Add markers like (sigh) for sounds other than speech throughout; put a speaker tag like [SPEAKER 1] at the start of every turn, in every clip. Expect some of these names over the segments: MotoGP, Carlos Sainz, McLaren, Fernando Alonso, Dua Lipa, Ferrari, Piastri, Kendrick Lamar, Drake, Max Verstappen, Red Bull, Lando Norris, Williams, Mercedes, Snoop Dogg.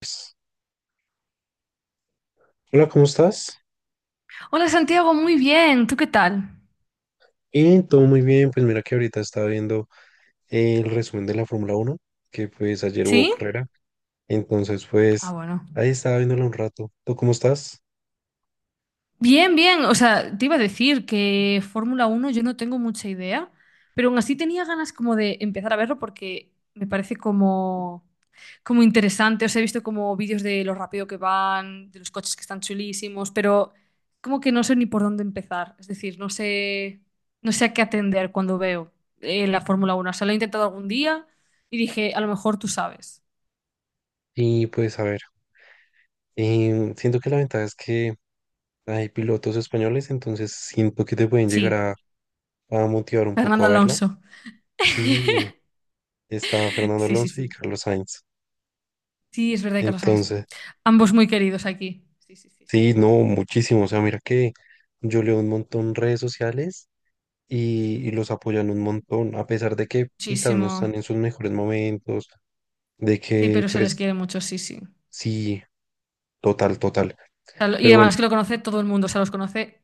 [SPEAKER 1] Pues, hola, ¿cómo estás?
[SPEAKER 2] Hola Santiago, muy bien. ¿Tú qué tal?
[SPEAKER 1] Y todo muy bien, pues mira que ahorita estaba viendo el resumen de la Fórmula Uno que pues ayer hubo
[SPEAKER 2] ¿Sí?
[SPEAKER 1] carrera, entonces pues
[SPEAKER 2] Ah, bueno.
[SPEAKER 1] ahí estaba viéndola un rato. ¿Tú cómo estás?
[SPEAKER 2] Bien, bien. O sea, te iba a decir que Fórmula Uno yo no tengo mucha idea, pero aún así tenía ganas como de empezar a verlo porque me parece como interesante. O sea, he visto como vídeos de lo rápido que van, de los coches que están chulísimos, pero como que no sé ni por dónde empezar. Es decir, no sé a qué atender cuando veo la Fórmula Uno. O sea, lo he intentado algún día y dije, a lo mejor tú sabes.
[SPEAKER 1] Y pues a ver, siento que la ventaja es que hay pilotos españoles, entonces siento que te pueden llegar
[SPEAKER 2] Sí,
[SPEAKER 1] a motivar un poco
[SPEAKER 2] Fernando
[SPEAKER 1] a verla.
[SPEAKER 2] Alonso.
[SPEAKER 1] Sí, está Fernando
[SPEAKER 2] Sí, sí,
[SPEAKER 1] Alonso y
[SPEAKER 2] sí.
[SPEAKER 1] Carlos Sainz,
[SPEAKER 2] Sí, es verdad, y Carlos Sainz.
[SPEAKER 1] entonces
[SPEAKER 2] Ambos muy queridos aquí. Sí, sí, sí, sí.
[SPEAKER 1] sí, no, muchísimo, o sea, mira que yo leo un montón redes sociales y los apoyan un montón, a pesar de que quizás no
[SPEAKER 2] Muchísimo.
[SPEAKER 1] están en sus mejores momentos, de
[SPEAKER 2] Sí,
[SPEAKER 1] que
[SPEAKER 2] pero se les
[SPEAKER 1] pues
[SPEAKER 2] quiere mucho, sí, sí. O
[SPEAKER 1] sí, total, total.
[SPEAKER 2] sea, y
[SPEAKER 1] Pero bueno,
[SPEAKER 2] además que lo conoce todo el mundo, o sea, los conoce.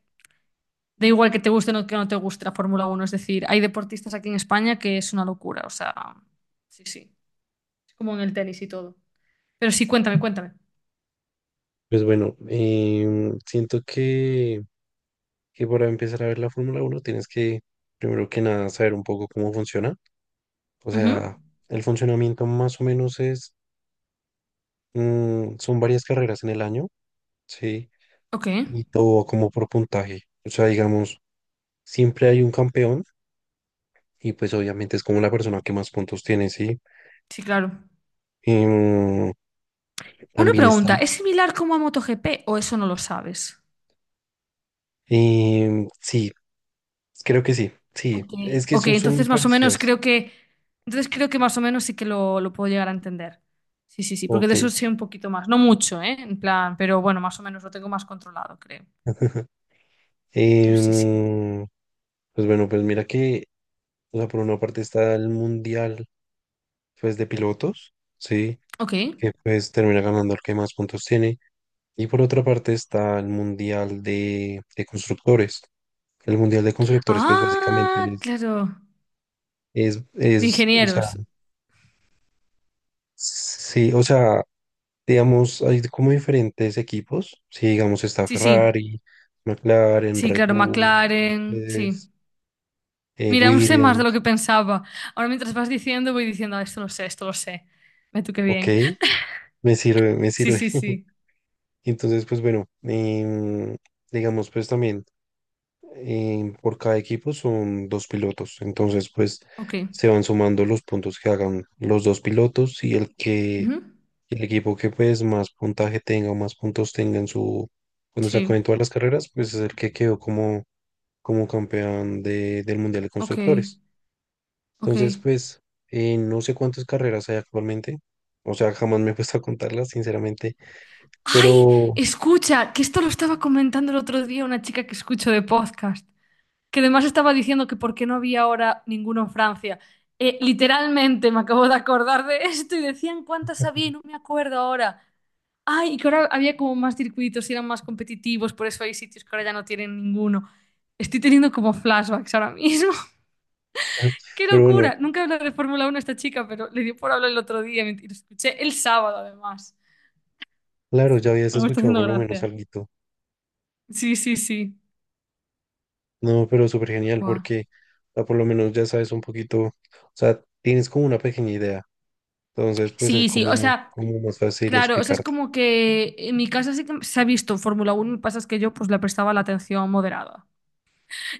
[SPEAKER 2] Da igual que te guste o no, que no te guste la Fórmula Uno. Es decir, hay deportistas aquí en España que es una locura, o sea, sí, sí. Es como en el tenis y todo. Pero sí, cuéntame, cuéntame.
[SPEAKER 1] pues bueno, siento que para empezar a ver la Fórmula uno tienes que, primero que nada, saber un poco cómo funciona. O
[SPEAKER 2] Ujú.
[SPEAKER 1] sea, el funcionamiento más o menos es, son varias carreras en el año, ¿sí?
[SPEAKER 2] Ok,
[SPEAKER 1] Y todo como por puntaje. O sea, digamos, siempre hay un campeón y pues obviamente es como la persona que más puntos tiene, ¿sí?
[SPEAKER 2] sí, claro.
[SPEAKER 1] Em,
[SPEAKER 2] Una
[SPEAKER 1] también
[SPEAKER 2] pregunta,
[SPEAKER 1] están.
[SPEAKER 2] ¿es similar como a MotoGP o eso no lo sabes?
[SPEAKER 1] Sí, creo que sí. Sí,
[SPEAKER 2] Ok,
[SPEAKER 1] es que
[SPEAKER 2] ok,
[SPEAKER 1] son, son muy parecidas.
[SPEAKER 2] entonces creo que más o menos sí que lo puedo llegar a entender. Sí, sí, sí, porque de
[SPEAKER 1] Ok.
[SPEAKER 2] eso sé un poquito más, no mucho, ¿eh? En plan, pero bueno, más o menos lo tengo más controlado, creo. Pero sí, sí.
[SPEAKER 1] Em, pues bueno, pues mira que, o sea, por una parte está el mundial, pues de pilotos, sí,
[SPEAKER 2] Ok.
[SPEAKER 1] que pues termina ganando el que más puntos tiene. Y por otra parte está el mundial de constructores. El mundial de constructores, pues básicamente
[SPEAKER 2] Ah, claro. De
[SPEAKER 1] es, o sea,
[SPEAKER 2] ingenieros.
[SPEAKER 1] sí, o sea, digamos, hay como diferentes equipos. Sí, digamos, está
[SPEAKER 2] Sí, sí.
[SPEAKER 1] Ferrari, McLaren,
[SPEAKER 2] Sí,
[SPEAKER 1] Red
[SPEAKER 2] claro,
[SPEAKER 1] Bull,
[SPEAKER 2] McLaren, sí.
[SPEAKER 1] Mercedes,
[SPEAKER 2] Mira, aún sé más de lo
[SPEAKER 1] Williams.
[SPEAKER 2] que pensaba. Ahora mientras vas diciendo, voy diciendo, "Ah, esto lo sé, esto lo sé. Ve tú qué
[SPEAKER 1] Ok,
[SPEAKER 2] bien." (laughs)
[SPEAKER 1] me sirve, me
[SPEAKER 2] Sí,
[SPEAKER 1] sirve.
[SPEAKER 2] sí, sí.
[SPEAKER 1] (laughs) Entonces, pues bueno, digamos, pues también por cada equipo son dos pilotos. Entonces, pues
[SPEAKER 2] Ok.
[SPEAKER 1] se van sumando los puntos que hagan los dos pilotos y el que,
[SPEAKER 2] Ujú.
[SPEAKER 1] el equipo que pues más puntaje tenga o más puntos tenga en su, cuando se acaben
[SPEAKER 2] Sí.
[SPEAKER 1] todas las carreras, pues es el que quedó como como campeón de- del Mundial de
[SPEAKER 2] Ok.
[SPEAKER 1] Constructores.
[SPEAKER 2] Ok.
[SPEAKER 1] Entonces, pues, no sé cuántas carreras hay actualmente. O sea, jamás me he (laughs) puesto a contarlas, sinceramente.
[SPEAKER 2] Ay,
[SPEAKER 1] Pero,
[SPEAKER 2] escucha, que esto lo estaba comentando el otro día una chica que escucho de podcast, que además estaba diciendo que por qué no había ahora ninguno en Francia. Literalmente me acabo de acordar de esto y decían cuántas había y
[SPEAKER 1] (laughs)
[SPEAKER 2] no me acuerdo ahora. Ay, y que ahora había como más circuitos y eran más competitivos, por eso hay sitios que ahora ya no tienen ninguno. Estoy teniendo como flashbacks ahora mismo. (laughs) ¡Qué
[SPEAKER 1] pero bueno,
[SPEAKER 2] locura! Nunca habla de Fórmula 1 esta chica, pero le dio por hablar el otro día, y lo escuché el sábado, además.
[SPEAKER 1] claro, ya habías
[SPEAKER 2] Bueno, me está
[SPEAKER 1] escuchado
[SPEAKER 2] haciendo
[SPEAKER 1] por lo menos
[SPEAKER 2] gracia.
[SPEAKER 1] alguito.
[SPEAKER 2] Sí, sí, sí.
[SPEAKER 1] No, pero súper genial
[SPEAKER 2] Buah.
[SPEAKER 1] porque ah, por lo menos ya sabes un poquito, o sea, tienes como una pequeña idea. Entonces, pues es
[SPEAKER 2] Sí, sí, o
[SPEAKER 1] como,
[SPEAKER 2] sea,
[SPEAKER 1] como más fácil
[SPEAKER 2] claro, o sea, es
[SPEAKER 1] explicarte.
[SPEAKER 2] como que en mi casa sí que se ha visto Fórmula Uno. Lo que pasa es que yo pues le prestaba la atención moderada.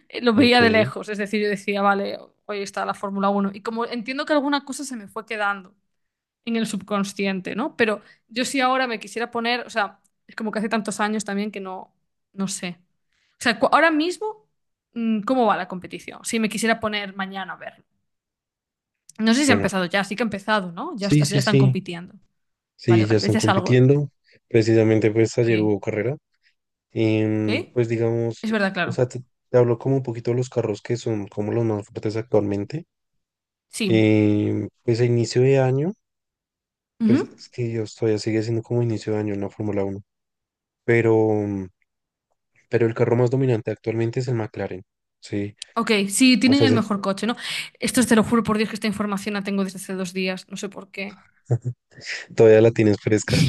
[SPEAKER 2] Lo
[SPEAKER 1] Ok,
[SPEAKER 2] veía de lejos, es decir, yo decía, vale, hoy está la Fórmula Uno. Y como entiendo que alguna cosa se me fue quedando en el subconsciente, ¿no? Pero yo sí ahora me quisiera poner, o sea, es como que hace tantos años también que no, no sé. O sea, ahora mismo, ¿cómo va la competición? Si me quisiera poner mañana a verlo. No sé si ha
[SPEAKER 1] bueno,
[SPEAKER 2] empezado ya, sí que ha empezado, ¿no? Ya,
[SPEAKER 1] sí,
[SPEAKER 2] ya
[SPEAKER 1] sí,
[SPEAKER 2] están
[SPEAKER 1] sí,
[SPEAKER 2] compitiendo. Vale,
[SPEAKER 1] sí, ya
[SPEAKER 2] vale, ves,
[SPEAKER 1] están
[SPEAKER 2] ya es algo.
[SPEAKER 1] compitiendo. Precisamente, pues
[SPEAKER 2] Ok.
[SPEAKER 1] ayer hubo carrera.
[SPEAKER 2] Ok,
[SPEAKER 1] Em, pues digamos,
[SPEAKER 2] es verdad,
[SPEAKER 1] o
[SPEAKER 2] claro.
[SPEAKER 1] sea, te hablo como un poquito de los carros que son como los más fuertes actualmente.
[SPEAKER 2] Sí.
[SPEAKER 1] Em, pues a inicio de año,
[SPEAKER 2] Ujú.
[SPEAKER 1] pues es que yo todavía sigue siendo como inicio de año en la Fórmula Uno pero, pero el carro más dominante actualmente es el McLaren, ¿sí?
[SPEAKER 2] Ok, sí,
[SPEAKER 1] O
[SPEAKER 2] tienen
[SPEAKER 1] sea,
[SPEAKER 2] el
[SPEAKER 1] es el-
[SPEAKER 2] mejor coche, ¿no? Esto te lo juro por Dios que esta información la tengo desde hace dos días, no sé por qué.
[SPEAKER 1] (laughs) todavía la tienes fresca.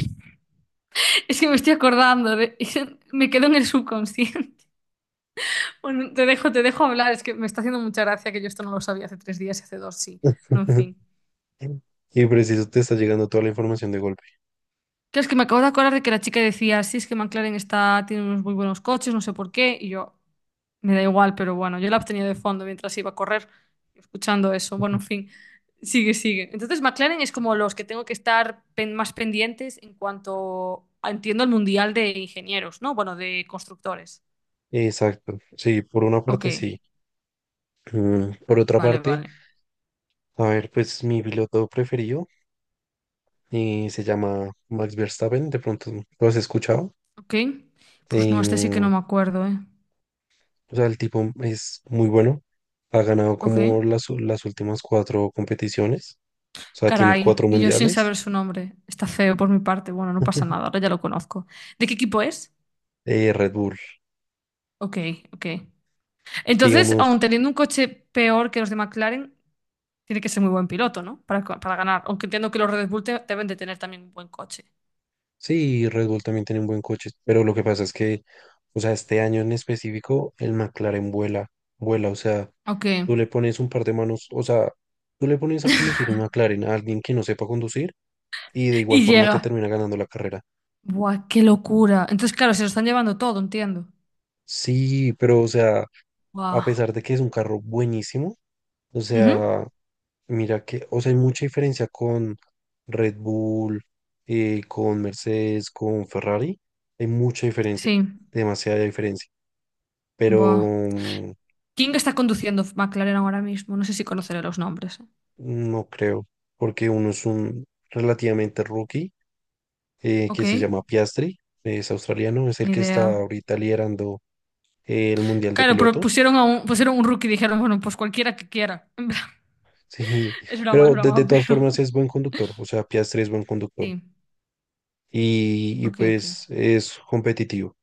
[SPEAKER 2] (laughs) Es que me estoy acordando, (laughs) me quedo en el subconsciente. (laughs) Bueno, te dejo hablar, es que me está haciendo mucha gracia que yo esto no lo sabía hace tres días y hace dos, sí. Bueno, en fin.
[SPEAKER 1] (laughs) Y preciso te está llegando toda la información de golpe.
[SPEAKER 2] Claro, es que me acabo de acordar de que la chica decía, sí, es que McLaren está, tiene unos muy buenos coches, no sé por qué, y yo, me da igual, pero bueno, yo la tenía de fondo mientras iba a correr, escuchando eso. Bueno, en fin, sigue, sigue. Entonces, McLaren es como los que tengo que estar más pendientes en cuanto, entiendo, el mundial de ingenieros, ¿no? Bueno, de constructores.
[SPEAKER 1] Exacto, sí, por una
[SPEAKER 2] Ok,
[SPEAKER 1] parte sí. Por otra
[SPEAKER 2] vale,
[SPEAKER 1] parte,
[SPEAKER 2] vale.
[SPEAKER 1] a ver, pues mi piloto preferido. Y se llama Max Verstappen, de pronto lo has escuchado.
[SPEAKER 2] Ok, pues no, este sí que no
[SPEAKER 1] Em,
[SPEAKER 2] me acuerdo, ¿eh?
[SPEAKER 1] o sea, el tipo es muy bueno, ha ganado
[SPEAKER 2] Ok.
[SPEAKER 1] como las, u- las últimas cuatro competiciones, o sea, tiene
[SPEAKER 2] Caray,
[SPEAKER 1] cuatro
[SPEAKER 2] y yo sin
[SPEAKER 1] mundiales.
[SPEAKER 2] saber su nombre. Está feo por mi parte. Bueno, no pasa
[SPEAKER 1] (laughs)
[SPEAKER 2] nada, ahora ya lo conozco. ¿De qué equipo es?
[SPEAKER 1] Red Bull,
[SPEAKER 2] Ok, ok. Entonces, aun
[SPEAKER 1] digamos,
[SPEAKER 2] teniendo un coche peor que los de McLaren, tiene que ser muy buen piloto, ¿no? Para ganar. Aunque entiendo que los Red Bull deben de tener también un buen coche.
[SPEAKER 1] sí, Red Bull también tiene un buen coche, pero lo que pasa es que, o sea, este año en específico, el McLaren vuela, vuela, o sea,
[SPEAKER 2] Ok.
[SPEAKER 1] tú le pones un par de manos, o sea, tú le pones a conducir un McLaren a alguien que no sepa conducir y de igual
[SPEAKER 2] Y
[SPEAKER 1] forma te
[SPEAKER 2] llega.
[SPEAKER 1] termina ganando la carrera.
[SPEAKER 2] Buah, qué locura. Entonces, claro, se lo están llevando todo, entiendo.
[SPEAKER 1] Sí, pero o sea, a
[SPEAKER 2] Buah.
[SPEAKER 1] pesar de que es un carro buenísimo, o
[SPEAKER 2] Ujú.
[SPEAKER 1] sea, mira que, o sea, hay mucha diferencia con Red Bull, con Mercedes, con Ferrari, hay mucha diferencia,
[SPEAKER 2] Sí.
[SPEAKER 1] demasiada diferencia, pero
[SPEAKER 2] Buah. ¿Quién está conduciendo McLaren ahora mismo? No sé si conoceré los nombres. ¿Eh?
[SPEAKER 1] no creo, porque uno es un relativamente rookie
[SPEAKER 2] Ok,
[SPEAKER 1] que se llama Piastri, es australiano, es el
[SPEAKER 2] ni
[SPEAKER 1] que está
[SPEAKER 2] idea.
[SPEAKER 1] ahorita liderando el Mundial de
[SPEAKER 2] Claro, pero
[SPEAKER 1] Pilotos.
[SPEAKER 2] pusieron un rookie y dijeron, bueno, pues cualquiera que quiera. (laughs)
[SPEAKER 1] Sí,
[SPEAKER 2] En plan, es broma, es
[SPEAKER 1] pero de
[SPEAKER 2] broma,
[SPEAKER 1] todas formas
[SPEAKER 2] pero.
[SPEAKER 1] es buen conductor, o sea, Piastri es buen conductor
[SPEAKER 2] Sí.
[SPEAKER 1] y
[SPEAKER 2] Ok, ok.
[SPEAKER 1] pues es competitivo.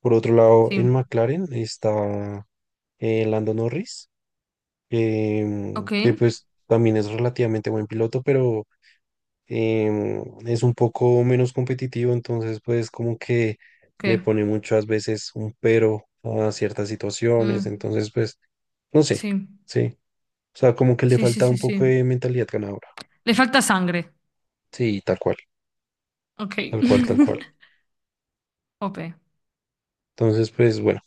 [SPEAKER 1] Por otro lado,
[SPEAKER 2] Sí.
[SPEAKER 1] en McLaren está Lando Norris,
[SPEAKER 2] Ok.
[SPEAKER 1] que pues también es relativamente buen piloto, pero es un poco menos competitivo, entonces pues como que
[SPEAKER 2] Ok.
[SPEAKER 1] le pone muchas veces un pero a ciertas situaciones,
[SPEAKER 2] Mm,
[SPEAKER 1] entonces pues no sé,
[SPEAKER 2] sí.
[SPEAKER 1] sí, o sea, como que le
[SPEAKER 2] Sí, sí,
[SPEAKER 1] falta un
[SPEAKER 2] sí, sí.
[SPEAKER 1] poco de mentalidad ganadora,
[SPEAKER 2] Le falta sangre.
[SPEAKER 1] sí, tal cual.
[SPEAKER 2] Ok.
[SPEAKER 1] Tal cual, tal cual.
[SPEAKER 2] (laughs) OP.
[SPEAKER 1] Entonces, pues bueno.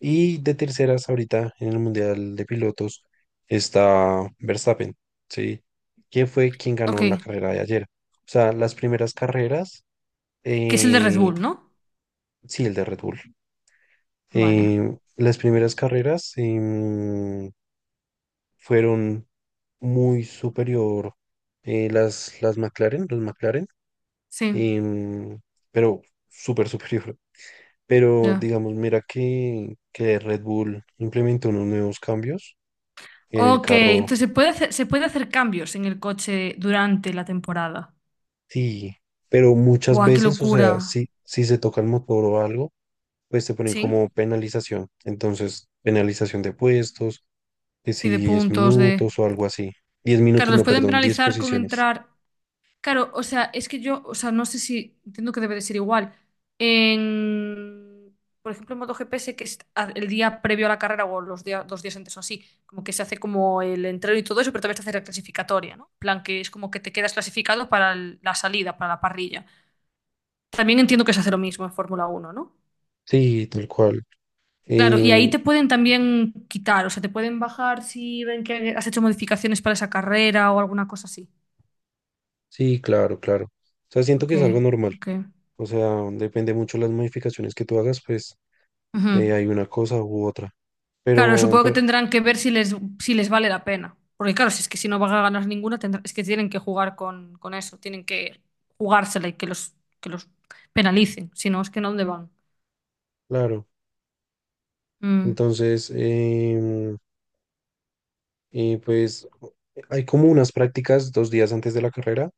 [SPEAKER 1] Y de terceras ahorita en el Mundial de Pilotos está Verstappen, ¿sí? ¿Quién fue quien
[SPEAKER 2] Ok.
[SPEAKER 1] ganó la carrera de ayer? O sea, las primeras carreras,
[SPEAKER 2] Que es el de Red
[SPEAKER 1] eh,
[SPEAKER 2] Bull, ¿no?
[SPEAKER 1] sí, el de Red Bull.
[SPEAKER 2] Vale.
[SPEAKER 1] Las primeras carreras fueron muy superior las McLaren, los McLaren,
[SPEAKER 2] Sí.
[SPEAKER 1] em, pero súper superior. Pero
[SPEAKER 2] Ya.
[SPEAKER 1] digamos, mira que Red Bull implementó unos nuevos cambios en el
[SPEAKER 2] Ok.
[SPEAKER 1] carro,
[SPEAKER 2] Entonces se puede hacer cambios en el coche durante la temporada.
[SPEAKER 1] sí, pero muchas
[SPEAKER 2] Buah, qué
[SPEAKER 1] veces, o sea,
[SPEAKER 2] locura.
[SPEAKER 1] si, si se toca el motor o algo, pues te ponen como
[SPEAKER 2] Sí.
[SPEAKER 1] penalización. Entonces, penalización de puestos, que
[SPEAKER 2] Sí,
[SPEAKER 1] si
[SPEAKER 2] de
[SPEAKER 1] 10
[SPEAKER 2] puntos, de.
[SPEAKER 1] minutos o algo así. Diez
[SPEAKER 2] Claro,
[SPEAKER 1] minutos,
[SPEAKER 2] los
[SPEAKER 1] no,
[SPEAKER 2] pueden
[SPEAKER 1] perdón, 10
[SPEAKER 2] penalizar con
[SPEAKER 1] posiciones.
[SPEAKER 2] entrar. Claro, o sea, es que yo, o sea, no sé si entiendo que debe de ser igual. En, por ejemplo, en MotoGP sé que es el día previo a la carrera o los días, dos días antes o así, como que se hace como el entreno y todo eso, pero también se hace la clasificatoria, ¿no? En plan, que es como que te quedas clasificado para la salida, para la parrilla. También entiendo que se hace lo mismo en Fórmula Uno, ¿no?
[SPEAKER 1] Sí, tal cual.
[SPEAKER 2] Claro, y ahí
[SPEAKER 1] Em,
[SPEAKER 2] te pueden también quitar, o sea, te pueden bajar si ven que has hecho modificaciones para esa carrera o alguna cosa así.
[SPEAKER 1] sí, claro, claro. O sea, siento
[SPEAKER 2] Ok,
[SPEAKER 1] que es algo normal.
[SPEAKER 2] ok.
[SPEAKER 1] O sea, depende mucho las modificaciones que tú hagas, pues
[SPEAKER 2] Ujú.
[SPEAKER 1] hay una cosa u otra.
[SPEAKER 2] Claro, supongo que
[SPEAKER 1] Pero
[SPEAKER 2] tendrán que ver si les, vale la pena. Porque claro, si es que si no van a ganar ninguna, es que tienen que jugar con eso, tienen que jugársela y que los penalicen. Si no, es que no, ¿dónde van?
[SPEAKER 1] claro,
[SPEAKER 2] Mm,
[SPEAKER 1] entonces, pues hay como unas prácticas dos días antes de la carrera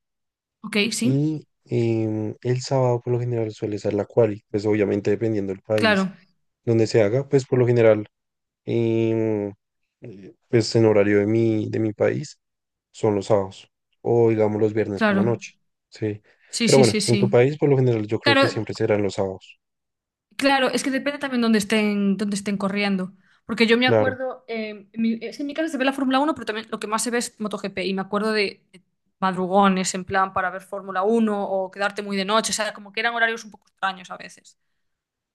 [SPEAKER 2] ok, sí,
[SPEAKER 1] y el sábado por lo general suele ser la quali, pues obviamente dependiendo del país
[SPEAKER 2] claro,
[SPEAKER 1] donde se haga, pues por lo general, em, pues en horario de mi país son los sábados o digamos los viernes por la
[SPEAKER 2] claro.
[SPEAKER 1] noche, sí.
[SPEAKER 2] Sí,
[SPEAKER 1] Pero
[SPEAKER 2] sí,
[SPEAKER 1] bueno,
[SPEAKER 2] sí,
[SPEAKER 1] en tu
[SPEAKER 2] sí.
[SPEAKER 1] país por lo general yo creo
[SPEAKER 2] Claro,
[SPEAKER 1] que siempre serán los sábados,
[SPEAKER 2] claro, es que depende también dónde estén corriendo. Porque yo me
[SPEAKER 1] claro,
[SPEAKER 2] acuerdo, en es que en mi casa se ve la Fórmula Uno, pero también lo que más se ve es MotoGP. Y me acuerdo de madrugones en plan para ver Fórmula Uno o quedarte muy de noche. O sea, como que eran horarios un poco extraños a veces.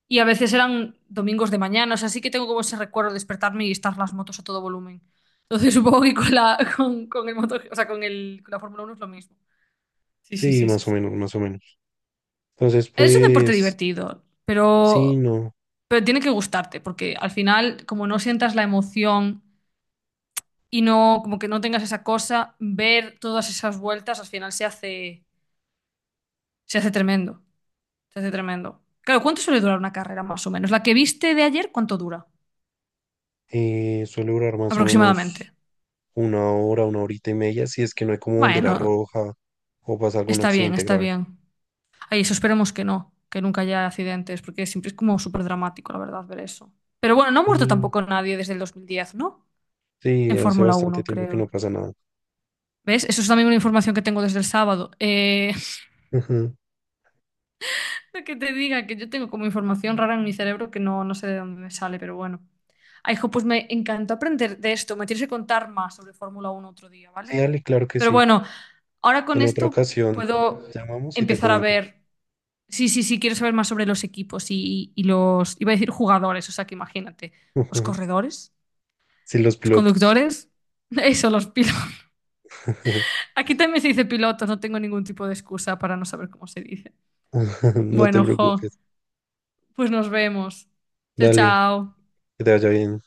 [SPEAKER 2] Y a veces eran domingos de mañana. O sea, sí que tengo como ese recuerdo de despertarme y estar las motos a todo volumen. Entonces (laughs) supongo que con la, con el moto, o sea, con la Fórmula Uno es lo mismo. Sí, sí,
[SPEAKER 1] sí,
[SPEAKER 2] sí, sí,
[SPEAKER 1] más o
[SPEAKER 2] sí.
[SPEAKER 1] menos, más o menos. Entonces,
[SPEAKER 2] Es un deporte
[SPEAKER 1] pues,
[SPEAKER 2] divertido,
[SPEAKER 1] sí,
[SPEAKER 2] pero,
[SPEAKER 1] no.
[SPEAKER 2] pero tiene que gustarte, porque al final, como no sientas la emoción y no, como que no tengas esa cosa, ver todas esas vueltas al final se hace tremendo. Se hace tremendo. Claro, ¿cuánto suele durar una carrera más o menos? ¿La que viste de ayer, cuánto dura?
[SPEAKER 1] Suele durar más o
[SPEAKER 2] Aproximadamente.
[SPEAKER 1] menos una hora, una horita y media, si es que no hay como bandera
[SPEAKER 2] Bueno,
[SPEAKER 1] roja o pasa algún
[SPEAKER 2] está bien,
[SPEAKER 1] accidente
[SPEAKER 2] está
[SPEAKER 1] grave.
[SPEAKER 2] bien. Ay, eso esperemos que no, que nunca haya accidentes, porque siempre es como súper dramático, la verdad, ver eso. Pero bueno, no ha muerto
[SPEAKER 1] Sí,
[SPEAKER 2] tampoco nadie desde el 2010, ¿no?
[SPEAKER 1] sí,
[SPEAKER 2] En
[SPEAKER 1] hace
[SPEAKER 2] Fórmula
[SPEAKER 1] bastante
[SPEAKER 2] Uno
[SPEAKER 1] tiempo que no
[SPEAKER 2] creo.
[SPEAKER 1] pasa nada.
[SPEAKER 2] ¿Ves? Eso es también una información que tengo desde el sábado.
[SPEAKER 1] Ujú.
[SPEAKER 2] (laughs) Que te diga que yo tengo como información rara en mi cerebro que no, no sé de dónde me sale, pero bueno. Ay, hijo, pues me encantó aprender de esto. Me tienes que contar más sobre Fórmula uno otro día, ¿vale?
[SPEAKER 1] Sí, Ale, claro que
[SPEAKER 2] Pero
[SPEAKER 1] sí.
[SPEAKER 2] bueno, ahora con
[SPEAKER 1] En otra
[SPEAKER 2] esto
[SPEAKER 1] ocasión
[SPEAKER 2] puedo
[SPEAKER 1] llamamos y te
[SPEAKER 2] empezar a
[SPEAKER 1] comento.
[SPEAKER 2] ver. Sí, sí, sí, quiero saber más sobre los equipos y, los. Iba a decir jugadores, o sea que imagínate.
[SPEAKER 1] (laughs)
[SPEAKER 2] Los
[SPEAKER 1] Ujú.
[SPEAKER 2] corredores,
[SPEAKER 1] Sí, los
[SPEAKER 2] los
[SPEAKER 1] pilotos.
[SPEAKER 2] conductores, (laughs) eso, los pilotos.
[SPEAKER 1] (laughs)
[SPEAKER 2] Aquí también se dice pilotos, no tengo ningún tipo de excusa para no saber cómo se dice.
[SPEAKER 1] No te
[SPEAKER 2] Bueno, jo.
[SPEAKER 1] preocupes.
[SPEAKER 2] Pues nos vemos. Chao,
[SPEAKER 1] Dale,
[SPEAKER 2] chao.
[SPEAKER 1] que te vaya bien.